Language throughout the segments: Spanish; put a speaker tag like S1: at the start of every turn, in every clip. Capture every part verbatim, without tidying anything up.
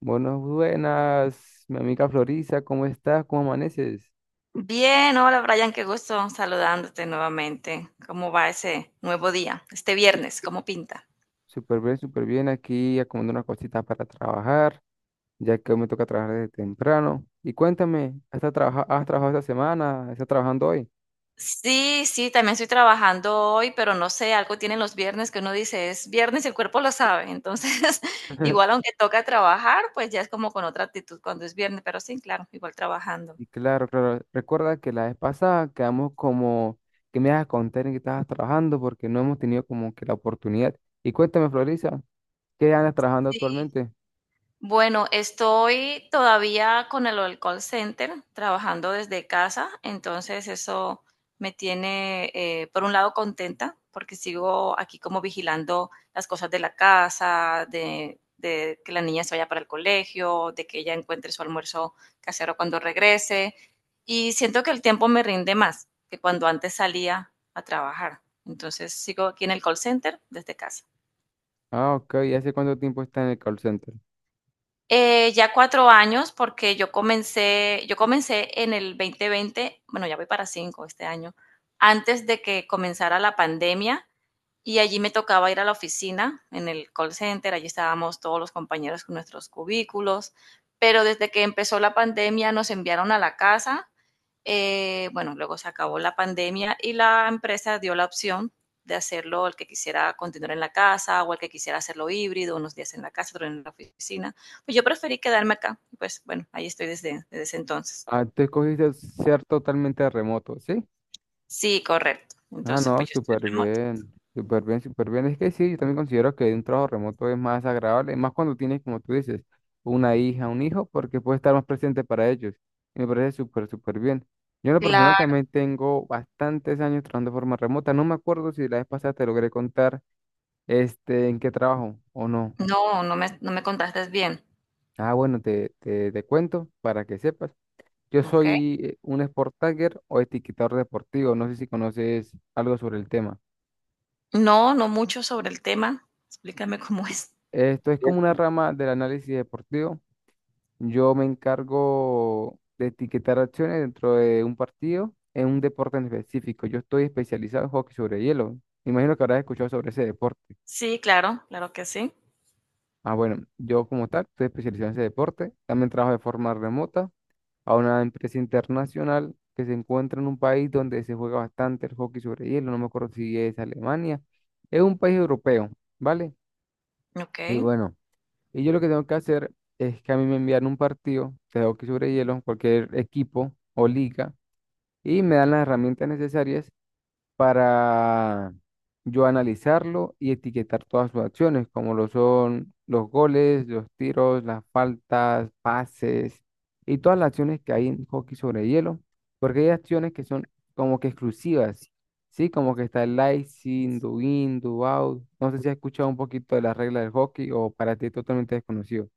S1: Buenas, buenas, mi amiga Florisa, ¿cómo estás? ¿Cómo amaneces?
S2: Bien, hola Brian, qué gusto saludándote nuevamente. ¿Cómo va ese nuevo día? Este viernes, ¿cómo pinta?
S1: Súper bien, súper bien, aquí acomodando unas cositas para trabajar, ya que hoy me toca trabajar desde temprano. Y cuéntame, ¿has trabajado, has trabajado esta semana? ¿Estás trabajando hoy?
S2: Sí, sí, también estoy trabajando hoy, pero no sé, algo tienen los viernes que uno dice, es viernes y el cuerpo lo sabe. Entonces, igual aunque toca trabajar, pues ya es como con otra actitud cuando es viernes, pero sí, claro, igual trabajando.
S1: Y claro, claro, recuerda que la vez pasada quedamos como que me ibas a contar en qué estabas trabajando porque no hemos tenido como que la oportunidad. Y cuéntame, Florisa, ¿qué andas trabajando
S2: Sí,
S1: actualmente?
S2: bueno, estoy todavía con el, el call center, trabajando desde casa, entonces eso me tiene, eh, por un lado, contenta, porque sigo aquí como vigilando las cosas de la casa, de, de que la niña se vaya para el colegio, de que ella encuentre su almuerzo casero cuando regrese, y siento que el tiempo me rinde más que cuando antes salía a trabajar. Entonces sigo aquí en el call center desde casa.
S1: Ah, ok, ¿y hace cuánto tiempo estás en el call center?
S2: Eh, ya cuatro años, porque yo comencé, yo comencé en el dos mil veinte. Bueno, ya voy para cinco este año, antes de que comenzara la pandemia. Y allí me tocaba ir a la oficina, en el call center, allí estábamos todos los compañeros con nuestros cubículos, pero desde que empezó la pandemia nos enviaron a la casa, eh, bueno, luego se acabó la pandemia y la empresa dio la opción de hacerlo el que quisiera continuar en la casa o el que quisiera hacerlo híbrido, unos días en la casa, otros en la oficina. Pues yo preferí quedarme acá, pues bueno, ahí estoy desde, desde ese entonces.
S1: Ah, tú escogiste ser totalmente remoto, ¿sí?
S2: Sí, correcto.
S1: Ah,
S2: Entonces,
S1: no,
S2: pues yo estoy
S1: súper
S2: remoto.
S1: bien, súper bien, súper bien. Es que sí, yo también considero que un trabajo remoto es más agradable, más cuando tienes, como tú dices, una hija, un hijo, porque puedes estar más presente para ellos. Y me parece súper, súper bien. Yo en lo personal
S2: Claro,
S1: también tengo bastantes años trabajando de forma remota. No me acuerdo si la vez pasada te logré contar este, en qué trabajo o no.
S2: no, no me, no me contaste bien.
S1: Ah, bueno, te, te, te cuento para que sepas. Yo
S2: Ok.
S1: soy eh, un sport tagger o etiquetador deportivo. No sé si conoces algo sobre el tema.
S2: No, no mucho sobre el tema. Explícame cómo es.
S1: Esto es
S2: Ya.
S1: como una rama del análisis deportivo. Yo me encargo de etiquetar acciones dentro de un partido en un deporte en específico. Yo estoy especializado en hockey sobre hielo. Me imagino que habrás escuchado sobre ese deporte.
S2: Sí, claro, claro que sí.
S1: Ah, bueno, yo como tal estoy especializado en ese deporte. También trabajo de forma remota a una empresa internacional que se encuentra en un país donde se juega bastante el hockey sobre hielo, no me acuerdo si es Alemania, es un país europeo, ¿vale? Y
S2: Okey.
S1: bueno, y yo lo que tengo que hacer es que a mí me envían un partido de hockey sobre hielo, cualquier equipo o liga, y me dan las herramientas necesarias para yo analizarlo y etiquetar todas sus acciones, como lo son los goles, los tiros, las faltas, pases y todas las acciones que hay en hockey sobre hielo, porque hay acciones que son como que exclusivas, ¿sí? Como que está el icing, do in, do out. No sé si has escuchado un poquito de las reglas del hockey o para ti es totalmente desconocido.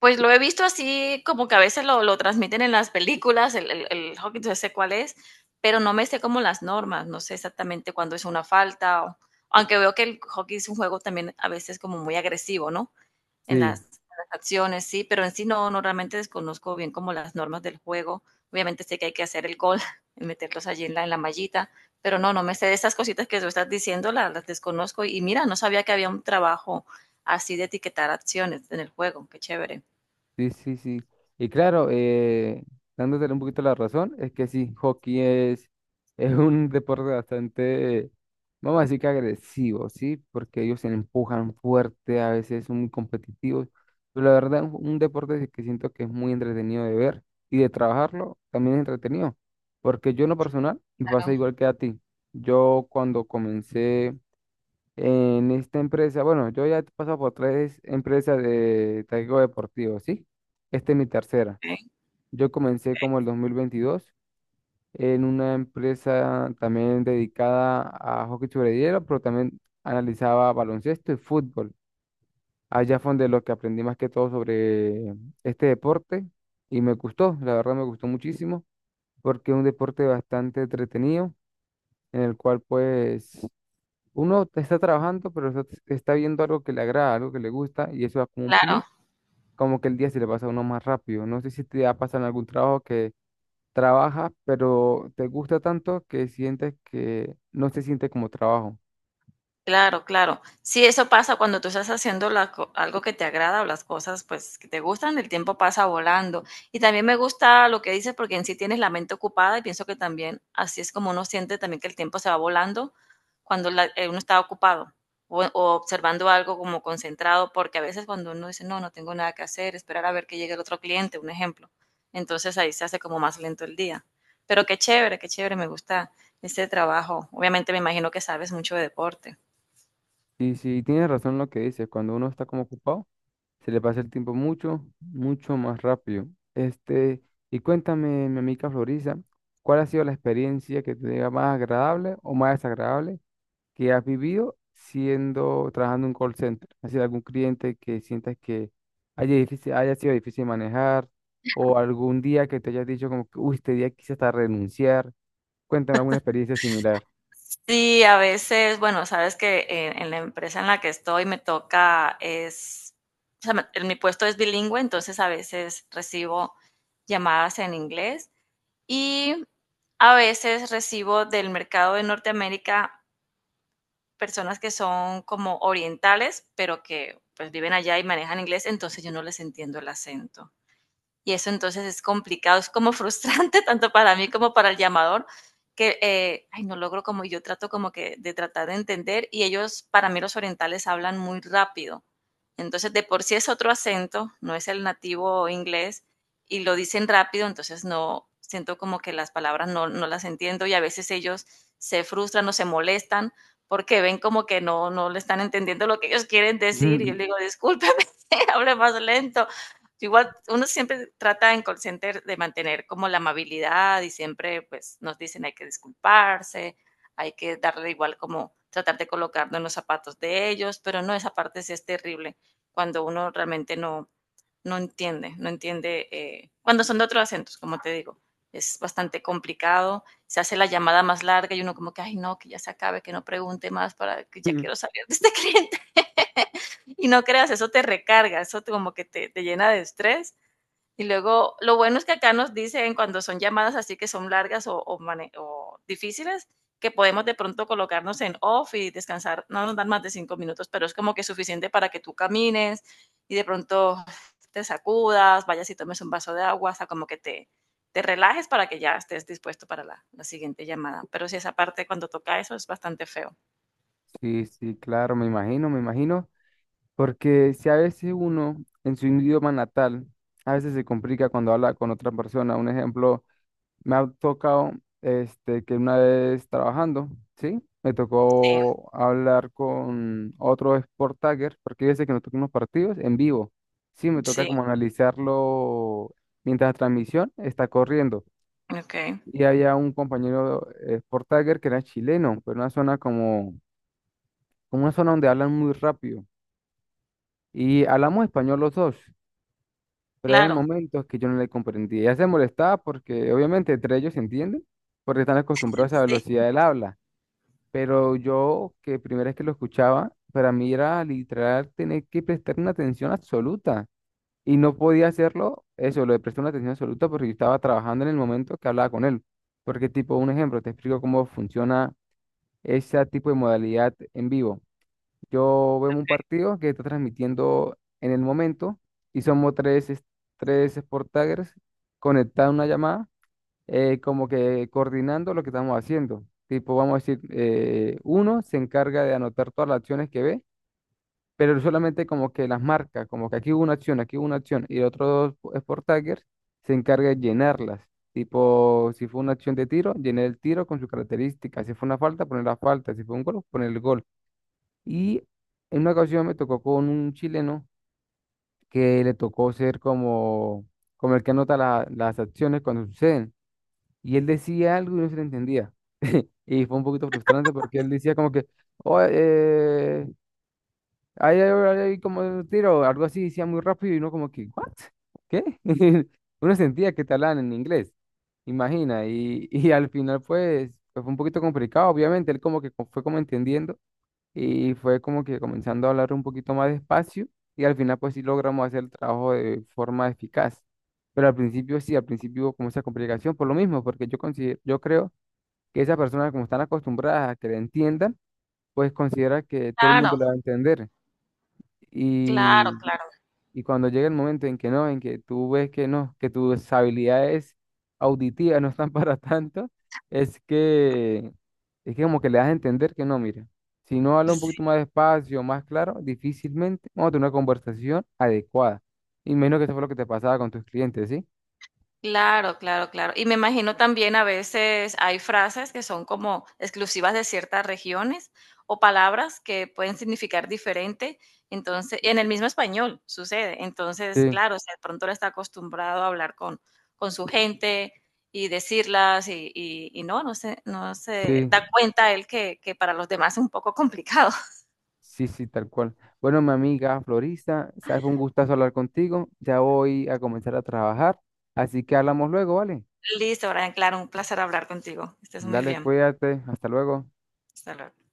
S2: Pues lo he visto así como que a veces lo lo transmiten en las películas, el el el hockey, entonces sé cuál es, pero no me sé como las normas, no sé exactamente cuándo es una falta, o aunque veo que el hockey es un juego también a veces como muy agresivo, ¿no? en las,
S1: Sí.
S2: en las acciones, sí, pero en sí no, no realmente desconozco bien como las normas del juego. Obviamente sé que hay que hacer el gol, meterlos allí en la, en la mallita, pero no, no me sé de esas cositas que tú estás diciendo, las, las desconozco. Y mira, no sabía que había un trabajo así de etiquetar acciones en el juego, qué chévere.
S1: Sí, sí, sí. Y claro, eh, dándole un poquito la razón, es que sí, hockey es, es un deporte bastante, vamos a decir que agresivo, ¿sí? Porque ellos se empujan fuerte, a veces son muy competitivos. Pero la verdad, un, un deporte que siento que es muy entretenido de ver y de trabajarlo también es entretenido. Porque yo en lo personal me pasa
S2: Claro.
S1: igual que a ti. Yo cuando comencé. En esta empresa, bueno, yo ya he pasado por tres empresas de taekwondo deportivo, ¿sí? Esta es mi tercera.
S2: Ok,
S1: Yo comencé
S2: ok,
S1: como el dos mil veintidós en una empresa también dedicada a hockey sobre hielo, pero también analizaba baloncesto y fútbol. Allá fue donde lo que aprendí más que todo sobre este deporte y me gustó, la verdad me gustó muchísimo porque es un deporte bastante entretenido en el cual pues uno te está trabajando, pero está, está viendo algo que le agrada, algo que le gusta, y eso da como un plus,
S2: claro.
S1: como que el día se le pasa a uno más rápido. No sé si te ha pasado en algún trabajo que trabajas, pero te gusta tanto que sientes que no se siente como trabajo.
S2: Claro, claro. Sí, eso pasa cuando tú estás haciendo la co- algo que te agrada o las cosas pues que te gustan, el tiempo pasa volando. Y también me gusta lo que dices porque en sí tienes la mente ocupada y pienso que también así es como uno siente también que el tiempo se va volando cuando la- eh, uno está ocupado o, o observando algo como concentrado, porque a veces cuando uno dice, no, no tengo nada que hacer, esperar a ver que llegue el otro cliente, un ejemplo. Entonces ahí se hace como más lento el día. Pero qué chévere, qué chévere, me gusta este trabajo. Obviamente me imagino que sabes mucho de deporte.
S1: Y si tienes razón en lo que dices, cuando uno está como ocupado, se le pasa el tiempo mucho, mucho más rápido. Este, y cuéntame, mi amiga Florisa, ¿cuál ha sido la experiencia que te diga más agradable o más desagradable que has vivido siendo, trabajando en un call center? Es decir, algún cliente que sientas que haya, difícil, haya sido difícil manejar o algún día que te hayas dicho como que, uy, este día quise hasta renunciar. Cuéntame alguna experiencia similar.
S2: Sí, a veces, bueno, sabes que en, en la empresa en la que estoy me toca es, o sea, me- en mi puesto es bilingüe, entonces a veces recibo llamadas en inglés y a veces recibo del mercado de Norteamérica personas que son como orientales, pero que pues viven allá y manejan inglés, entonces yo no les entiendo el acento. Y eso entonces es complicado, es como frustrante tanto para mí como para el llamador, que eh, ay, no logro como yo trato como que de tratar de entender y ellos, para mí los orientales hablan muy rápido. Entonces de por sí es otro acento, no es el nativo inglés y lo dicen rápido, entonces no siento como que las palabras no, no las entiendo y a veces ellos se frustran o se molestan porque ven como que no, no le están entendiendo lo que ellos quieren decir y yo les digo, discúlpeme, hable más lento. Igual uno siempre trata en call center de mantener como la amabilidad y siempre pues nos dicen hay que disculparse, hay que darle igual como tratar de colocarnos en los zapatos de ellos, pero no, esa parte sí es terrible cuando uno realmente no, no entiende, no entiende eh, cuando son de otros acentos, como te digo. Es bastante complicado, se hace la llamada más larga y uno como que, ay no, que ya se acabe, que no pregunte más para que ya quiero salir de este cliente. Y no creas, eso te recarga, eso te- como que te, te llena de estrés y luego, lo bueno es que acá nos dicen cuando son llamadas así que son largas o, o o difíciles, que podemos de pronto colocarnos en off y descansar. No nos dan más de cinco minutos, pero es como que suficiente para que tú camines y de pronto te sacudas, vayas y tomes un vaso de agua, o sea, como que te, te relajes para que ya estés dispuesto para la, la siguiente llamada. Pero sí, esa parte cuando toca eso es bastante feo.
S1: Sí, sí, claro, me imagino, me imagino, porque si a veces uno en su idioma natal, a veces se complica cuando habla con otra persona. Un ejemplo. Me ha tocado, este, que una vez trabajando, ¿sí? Me
S2: Sí,
S1: tocó hablar con otro Sport Tagger, porque hay que nos tocan unos partidos en vivo. Sí, me toca
S2: sí,
S1: como analizarlo mientras la transmisión está corriendo.
S2: ok.
S1: Y había un compañero eh, Sport Tagger que era chileno, pero una zona como, como una zona donde hablan muy rápido. Y hablamos español los dos, pero eran
S2: Claro,
S1: momentos que yo no le comprendía. Ya se molestaba porque obviamente entre ellos se entienden, porque están acostumbrados a la velocidad
S2: sí,
S1: del habla. Pero yo, que primera vez que lo escuchaba, para mí era literal tener que prestar una atención absoluta. Y no podía hacerlo, eso, lo de prestar una atención absoluta, porque yo estaba trabajando en el momento que hablaba con él. Porque, tipo, un ejemplo, te explico cómo funciona ese tipo de modalidad en vivo. Yo veo un partido que está transmitiendo en el momento y somos tres, es- tres Sport Taggers conectados a una llamada eh, como que coordinando lo que estamos haciendo. Tipo, vamos a decir, eh, uno se encarga de anotar todas las acciones que ve, pero solamente como que las marca, como que aquí hubo una acción, aquí hubo una acción, y el otro dos Sport Taggers se encarga de llenarlas. Tipo, si fue una acción de tiro, llenar el tiro con sus características. Si fue una falta, poner la falta. Si fue un gol, poner el gol. Y en una ocasión me tocó con un chileno que le tocó ser como, como el que anota la- las acciones cuando suceden. Y él decía algo y no se le entendía. Y fue un poquito frustrante porque él decía como que, oh, eh, ahí hay, hay- hay como un tiro, algo así, decía muy rápido y uno como que, ¿what? ¿Qué? Uno sentía que te hablaban en inglés, imagina. Y, y al final pues, pues fue un poquito complicado, obviamente, él como que co- fue como entendiendo y fue como que comenzando a hablar un poquito más despacio y al final pues sí logramos hacer el trabajo de forma eficaz. Pero al principio sí, al principio hubo como esa complicación por lo mismo, porque yo considero, yo creo que esas personas como están acostumbradas a que le entiendan, pues considera que todo el
S2: claro,
S1: mundo le va a entender.
S2: claro, claro.
S1: Y cuando llega el momento en que no, en que tú ves que no, que tus habilidades auditivas no están para tanto, es que, es que como que le das a entender que no, mira, si no habla un poquito
S2: Sí.
S1: más despacio, más claro, difícilmente vamos a tener una conversación adecuada. Y menos que eso fue lo que te pasaba con tus clientes, ¿sí?
S2: Claro, claro, claro. Y me imagino también a veces hay frases que son como exclusivas de ciertas regiones o palabras que pueden significar diferente. Entonces, en el mismo español sucede. Entonces,
S1: Sí,
S2: claro, o sea, de pronto él está acostumbrado a hablar con, con su gente y decirlas y, y- y no, no se, no se
S1: sí,
S2: da cuenta él que, que, para los demás es un poco complicado.
S1: sí, sí, tal cual. Bueno, mi amiga florista, sabes, fue un gustazo hablar contigo. Ya voy a comenzar a trabajar, así que hablamos luego, ¿vale?
S2: Listo, Brian, claro, un placer hablar contigo. Estés muy
S1: Dale,
S2: bien.
S1: cuídate, hasta luego.
S2: Hasta luego.